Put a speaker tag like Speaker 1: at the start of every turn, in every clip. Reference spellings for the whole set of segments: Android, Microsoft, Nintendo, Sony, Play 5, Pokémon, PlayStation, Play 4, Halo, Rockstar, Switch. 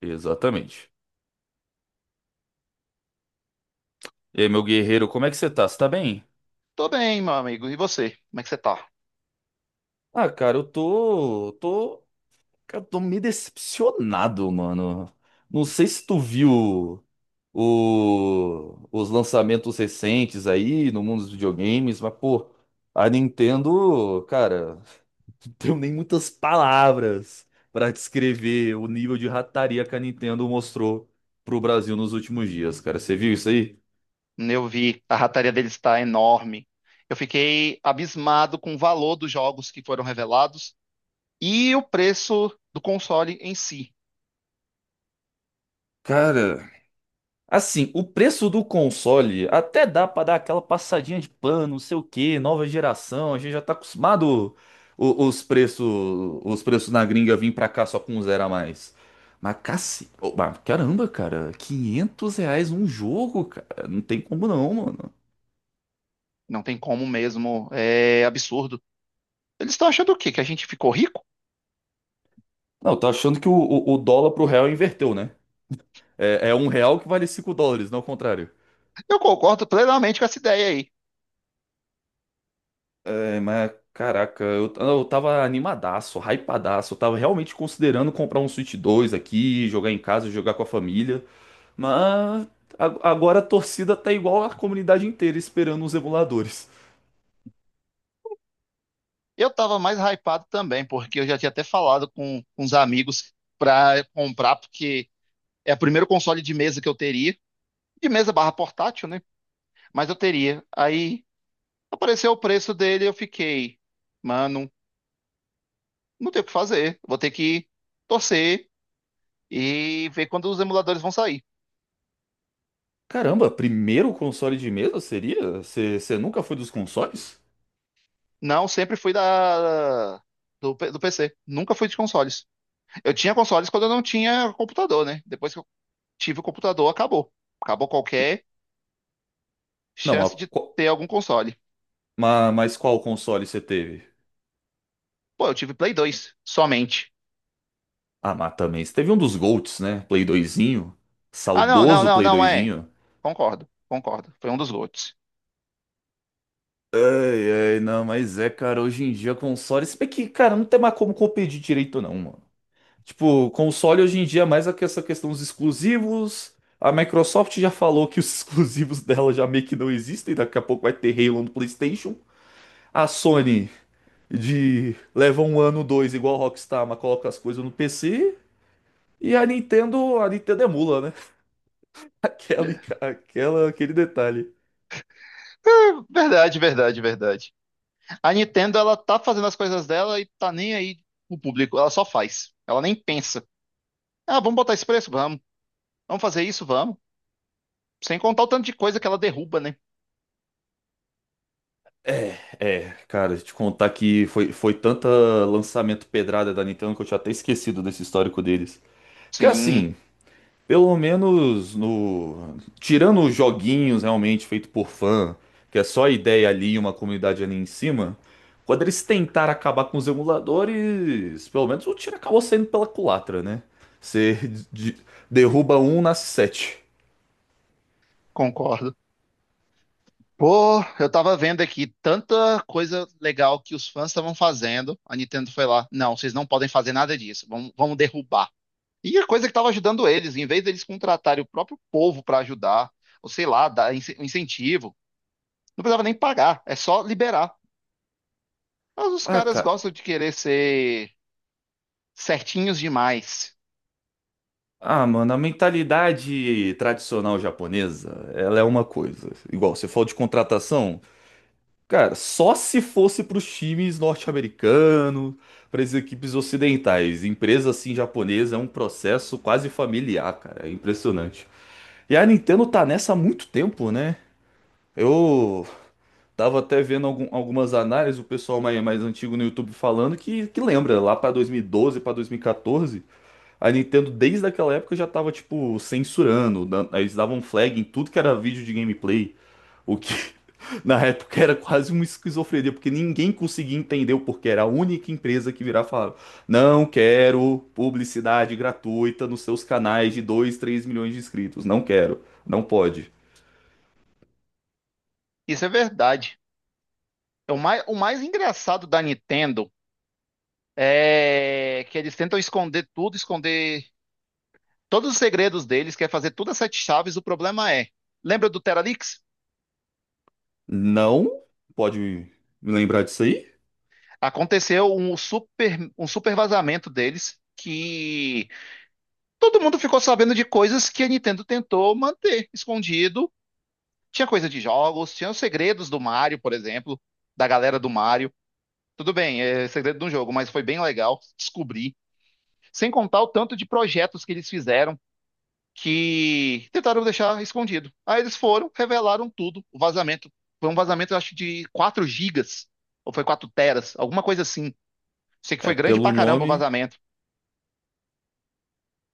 Speaker 1: Exatamente. E aí, meu guerreiro, como é que você tá? Você tá bem?
Speaker 2: Tô bem, meu amigo. E você? Como é que você tá?
Speaker 1: Ah, cara, eu tô, tô, cara, tô meio decepcionado, mano. Não sei se tu viu os lançamentos recentes aí no mundo dos videogames, mas, pô, a Nintendo, cara, não tenho nem muitas palavras pra descrever o nível de rataria que a Nintendo mostrou pro Brasil nos últimos dias, cara. Você viu isso aí?
Speaker 2: Eu vi, a rataria deles está enorme. Eu fiquei abismado com o valor dos jogos que foram revelados e o preço do console em si.
Speaker 1: Cara, assim, o preço do console até dá pra dar aquela passadinha de pano, não sei o que nova geração, a gente já tá acostumado o- os preços, os preços na gringa vir pra cá só com um zero a mais. Mas mas caramba, cara, 500 reais um jogo, cara, não tem como não, mano.
Speaker 2: Não tem como mesmo, é absurdo. Eles estão achando o quê? Que a gente ficou rico?
Speaker 1: Não, tá achando que o dólar pro real inverteu, né? É, é um real que vale 5 dólares, não o contrário.
Speaker 2: Eu concordo plenamente com essa ideia aí.
Speaker 1: É, mas caraca, eu tava animadaço, hypadaço. Eu tava realmente considerando comprar um Switch dois aqui, jogar em casa, jogar com a família. Mas agora a torcida tá igual a comunidade inteira esperando os emuladores.
Speaker 2: Eu tava mais hypado também, porque eu já tinha até falado com uns amigos pra comprar, porque é o primeiro console de mesa que eu teria, de mesa barra portátil, né? Mas eu teria. Aí. Apareceu o preço dele, eu fiquei, mano, não tem o que fazer. Vou ter que torcer e ver quando os emuladores vão sair.
Speaker 1: Caramba, primeiro console de mesa seria? Você nunca foi dos consoles?
Speaker 2: Não, sempre fui da do PC. Nunca fui de consoles. Eu tinha consoles quando eu não tinha computador, né? Depois que eu tive o computador, acabou. Acabou qualquer
Speaker 1: Não, mas,
Speaker 2: chance de
Speaker 1: qual-
Speaker 2: ter algum console.
Speaker 1: ma- mas qual console você teve?
Speaker 2: Pô, eu tive Play 2 somente.
Speaker 1: Ah, mas também, você teve um dos Golds, né? Play doisinho.
Speaker 2: Ah, não, não,
Speaker 1: Saudoso
Speaker 2: não,
Speaker 1: Play
Speaker 2: não
Speaker 1: 2.
Speaker 2: é. Concordo, concordo. Foi um dos GOATs.
Speaker 1: Não, mas é, cara, hoje em dia console, se bem que, cara, não tem mais como competir direito não, mano. Tipo, console hoje em dia é mais essa questão dos exclusivos. A Microsoft já falou que os exclusivos dela já meio que não existem, daqui a pouco vai ter Halo no PlayStation. A Sony de leva um ano, dois, igual a Rockstar, mas coloca as coisas no PC. E a Nintendo emula, né? Aquela,
Speaker 2: É,
Speaker 1: aquele detalhe.
Speaker 2: é, verdade, verdade, verdade. A Nintendo, ela tá fazendo as coisas dela e tá nem aí pro público. Ela só faz. Ela nem pensa. Ah, vamos botar esse preço? Vamos. Vamos fazer isso? Vamos. Sem contar o tanto de coisa que ela derruba, né?
Speaker 1: É, cara, te contar que foi, foi tanta lançamento pedrada da Nintendo que eu tinha até esquecido desse histórico deles. Porque
Speaker 2: Sim,
Speaker 1: assim, pelo menos no... Tirando os joguinhos realmente feito por fã, que é só ideia ali e uma comunidade ali em cima, quando eles tentaram acabar com os emuladores, pelo menos o tiro acabou saindo pela culatra, né? Você de- derruba um, nasce sete.
Speaker 2: concordo. Pô, eu tava vendo aqui tanta coisa legal que os fãs estavam fazendo. A Nintendo foi lá. Não, vocês não podem fazer nada disso. Vamos, vamos derrubar. E a coisa que tava ajudando eles, em vez deles contratarem o próprio povo pra ajudar, ou sei lá, dar incentivo, não precisava nem pagar, é só liberar. Mas os
Speaker 1: Ah,
Speaker 2: caras
Speaker 1: cara.
Speaker 2: gostam de querer ser certinhos demais.
Speaker 1: Ah, mano, a mentalidade tradicional japonesa, ela é uma coisa. Igual, você falou de contratação, cara, só se fosse pros times norte-americanos, pras equipes ocidentais. Empresa assim japonesa é um processo quase familiar, cara, é impressionante. E a Nintendo tá nessa há muito tempo, né? Eu tava até vendo algumas análises, o pessoal mais, mais antigo no YouTube falando que lembra, lá pra 2012, pra 2014. A Nintendo, desde aquela época, já tava, tipo, censurando. Eles davam flag em tudo que era vídeo de gameplay. O que, na época, era quase uma esquizofrenia, porque ninguém conseguia entender o porquê. Era a única empresa que virava e falava: não quero publicidade gratuita nos seus canais de 2, 3 milhões de inscritos. Não quero. Não pode.
Speaker 2: Isso é verdade. É o mais engraçado da Nintendo é que eles tentam esconder tudo, esconder todos os segredos deles, quer fazer tudo a sete chaves. O problema é, lembra do Teralix?
Speaker 1: Não pode me lembrar disso aí?
Speaker 2: Aconteceu um super vazamento deles que todo mundo ficou sabendo de coisas que a Nintendo tentou manter escondido. Tinha coisa de jogos, tinha os segredos do Mario, por exemplo, da galera do Mario. Tudo bem, é segredo de um jogo, mas foi bem legal descobrir. Sem contar o tanto de projetos que eles fizeram que tentaram deixar escondido. Aí eles foram, revelaram tudo. O vazamento foi um vazamento, eu acho, de 4 gigas, ou foi 4 teras, alguma coisa assim. Sei que foi
Speaker 1: É,
Speaker 2: grande pra
Speaker 1: pelo
Speaker 2: caramba o
Speaker 1: nome.
Speaker 2: vazamento.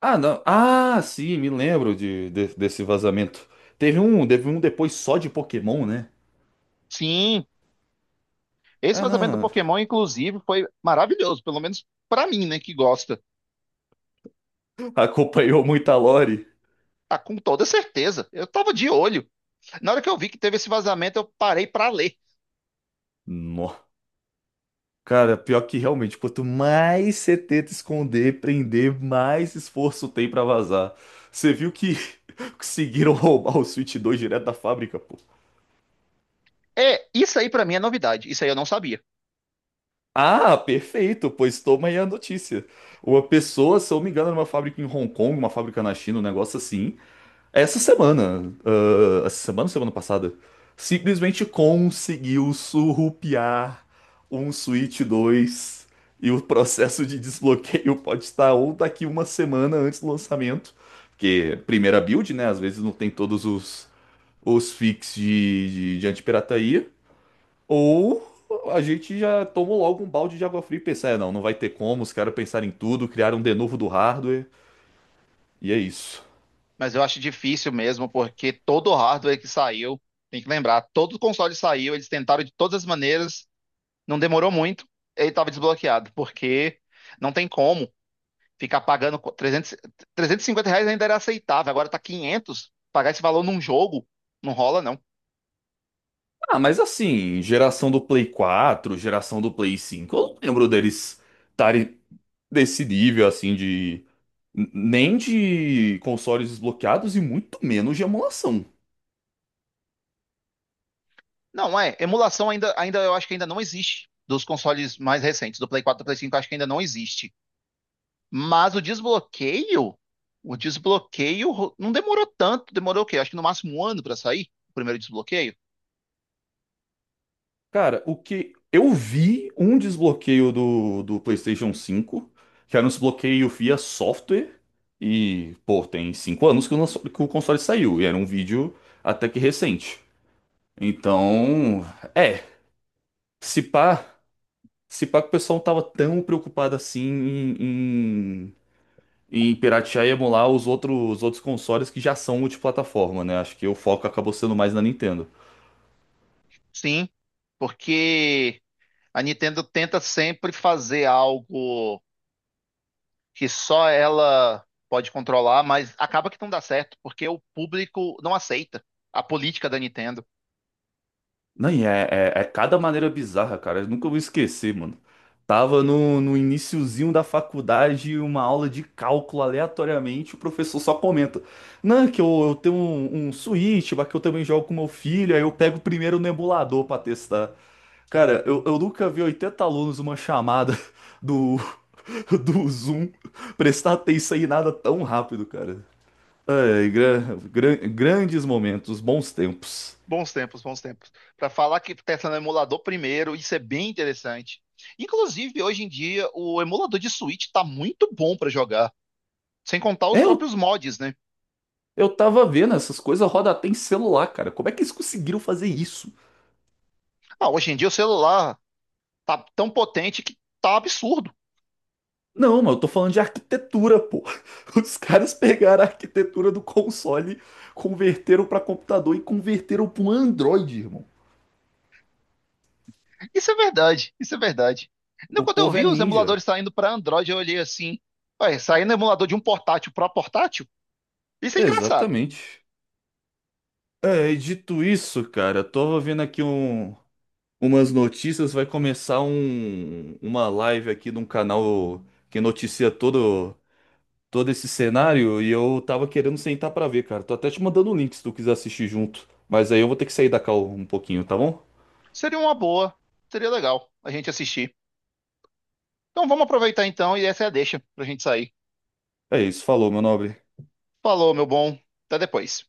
Speaker 1: Ah, não. Ah, sim, me lembro desse vazamento. Teve um depois só de Pokémon, né?
Speaker 2: Sim, esse
Speaker 1: Ah,
Speaker 2: vazamento do
Speaker 1: não.
Speaker 2: Pokémon, inclusive, foi maravilhoso, pelo menos pra mim, né, que gosta.
Speaker 1: Acompanhou muita lore.
Speaker 2: Ah, com toda certeza. Eu tava de olho. Na hora que eu vi que teve esse vazamento, eu parei pra ler.
Speaker 1: Nó. Cara, pior que realmente, quanto mais você tenta esconder, prender, mais esforço tem pra vazar. Você viu que conseguiram roubar o Switch dois direto da fábrica, pô.
Speaker 2: É, isso aí pra mim é novidade. Isso aí eu não sabia.
Speaker 1: Ah, perfeito, pois toma aí a notícia. Uma pessoa, se eu não me engano, era uma fábrica em Hong Kong, uma fábrica na China, um negócio assim. Essa semana ou semana passada, simplesmente conseguiu surrupiar um Switch dois e o processo de desbloqueio pode estar ou daqui uma semana antes do lançamento, porque primeira build, né? Às vezes não tem todos os fix de antipirataria, ou a gente já tomou logo um balde de água fria e pensa, é, não, não vai ter como, os caras pensaram em tudo, criaram um de novo do hardware, e é isso.
Speaker 2: Mas eu acho difícil mesmo, porque todo o hardware que saiu, tem que lembrar, todo o console saiu, eles tentaram de todas as maneiras, não demorou muito, ele estava desbloqueado, porque não tem como ficar pagando 300, 350 reais ainda era aceitável, agora tá 500, pagar esse valor num jogo, não rola não.
Speaker 1: Ah, mas assim, geração do Play 4, geração do Play 5, eu não lembro deles estarem desse nível assim de nem de consoles desbloqueados e muito menos de emulação.
Speaker 2: Não, é, emulação ainda, ainda eu acho que ainda não existe, dos consoles mais recentes, do Play 4 do Play 5, eu acho que ainda não existe. Mas o desbloqueio não demorou tanto, demorou o quê? Acho que no máximo um ano para sair o primeiro desbloqueio.
Speaker 1: Cara, o que eu vi um desbloqueio do PlayStation 5, que era um desbloqueio via software, e pô, tem 5 anos que o, que o console saiu, e era um vídeo até que recente. Então, é, se pá. Se pá que o pessoal não tava tão preocupado assim em piratear e emular os outros consoles que já são multiplataforma, né? Acho que o foco acabou sendo mais na Nintendo.
Speaker 2: Sim, porque a Nintendo tenta sempre fazer algo que só ela pode controlar, mas acaba que não dá certo, porque o público não aceita a política da Nintendo.
Speaker 1: Não, e é cada maneira bizarra, cara. Eu nunca vou esquecer, mano. Tava no iniciozinho da faculdade, uma aula de cálculo aleatoriamente, o professor só comenta: não, é que eu tenho um, um Switch, mas que eu também jogo com meu filho, aí eu pego primeiro no emulador pra testar. Cara, eu nunca vi 80 alunos uma chamada do, do Zoom prestar atenção em nada tão rápido, cara. Ai, grandes momentos, bons tempos.
Speaker 2: Bons tempos, bons tempos. Para falar que testa no emulador primeiro, isso é bem interessante. Inclusive, hoje em dia, o emulador de Switch tá muito bom para jogar. Sem contar os
Speaker 1: É, eu,
Speaker 2: próprios mods, né?
Speaker 1: eu tava vendo essas coisas roda até em celular, cara. Como é que eles conseguiram fazer isso?
Speaker 2: Ah, hoje em dia o celular tá tão potente que tá absurdo.
Speaker 1: Não, mas eu tô falando de arquitetura, pô. Os caras pegaram a arquitetura do console, converteram pra computador e converteram pra um Android, irmão.
Speaker 2: Isso é verdade, isso é verdade. Não,
Speaker 1: O
Speaker 2: quando eu
Speaker 1: povo é
Speaker 2: vi os
Speaker 1: ninja.
Speaker 2: emuladores saindo para Android, eu olhei assim, ué, saindo emulador de um portátil para portátil? Isso é engraçado.
Speaker 1: Exatamente. É, e dito isso, cara, eu tava vendo aqui um, umas notícias, vai começar um, uma live aqui de um canal que noticia todo, todo esse cenário e eu tava querendo sentar pra ver, cara. Tô até te mandando o link se tu quiser assistir junto. Mas aí eu vou ter que sair da call um pouquinho, tá bom?
Speaker 2: Seria uma boa, seria legal a gente assistir. Então vamos aproveitar então e essa é a deixa pra gente sair.
Speaker 1: É isso, falou, meu nobre.
Speaker 2: Falou, meu bom. Até depois.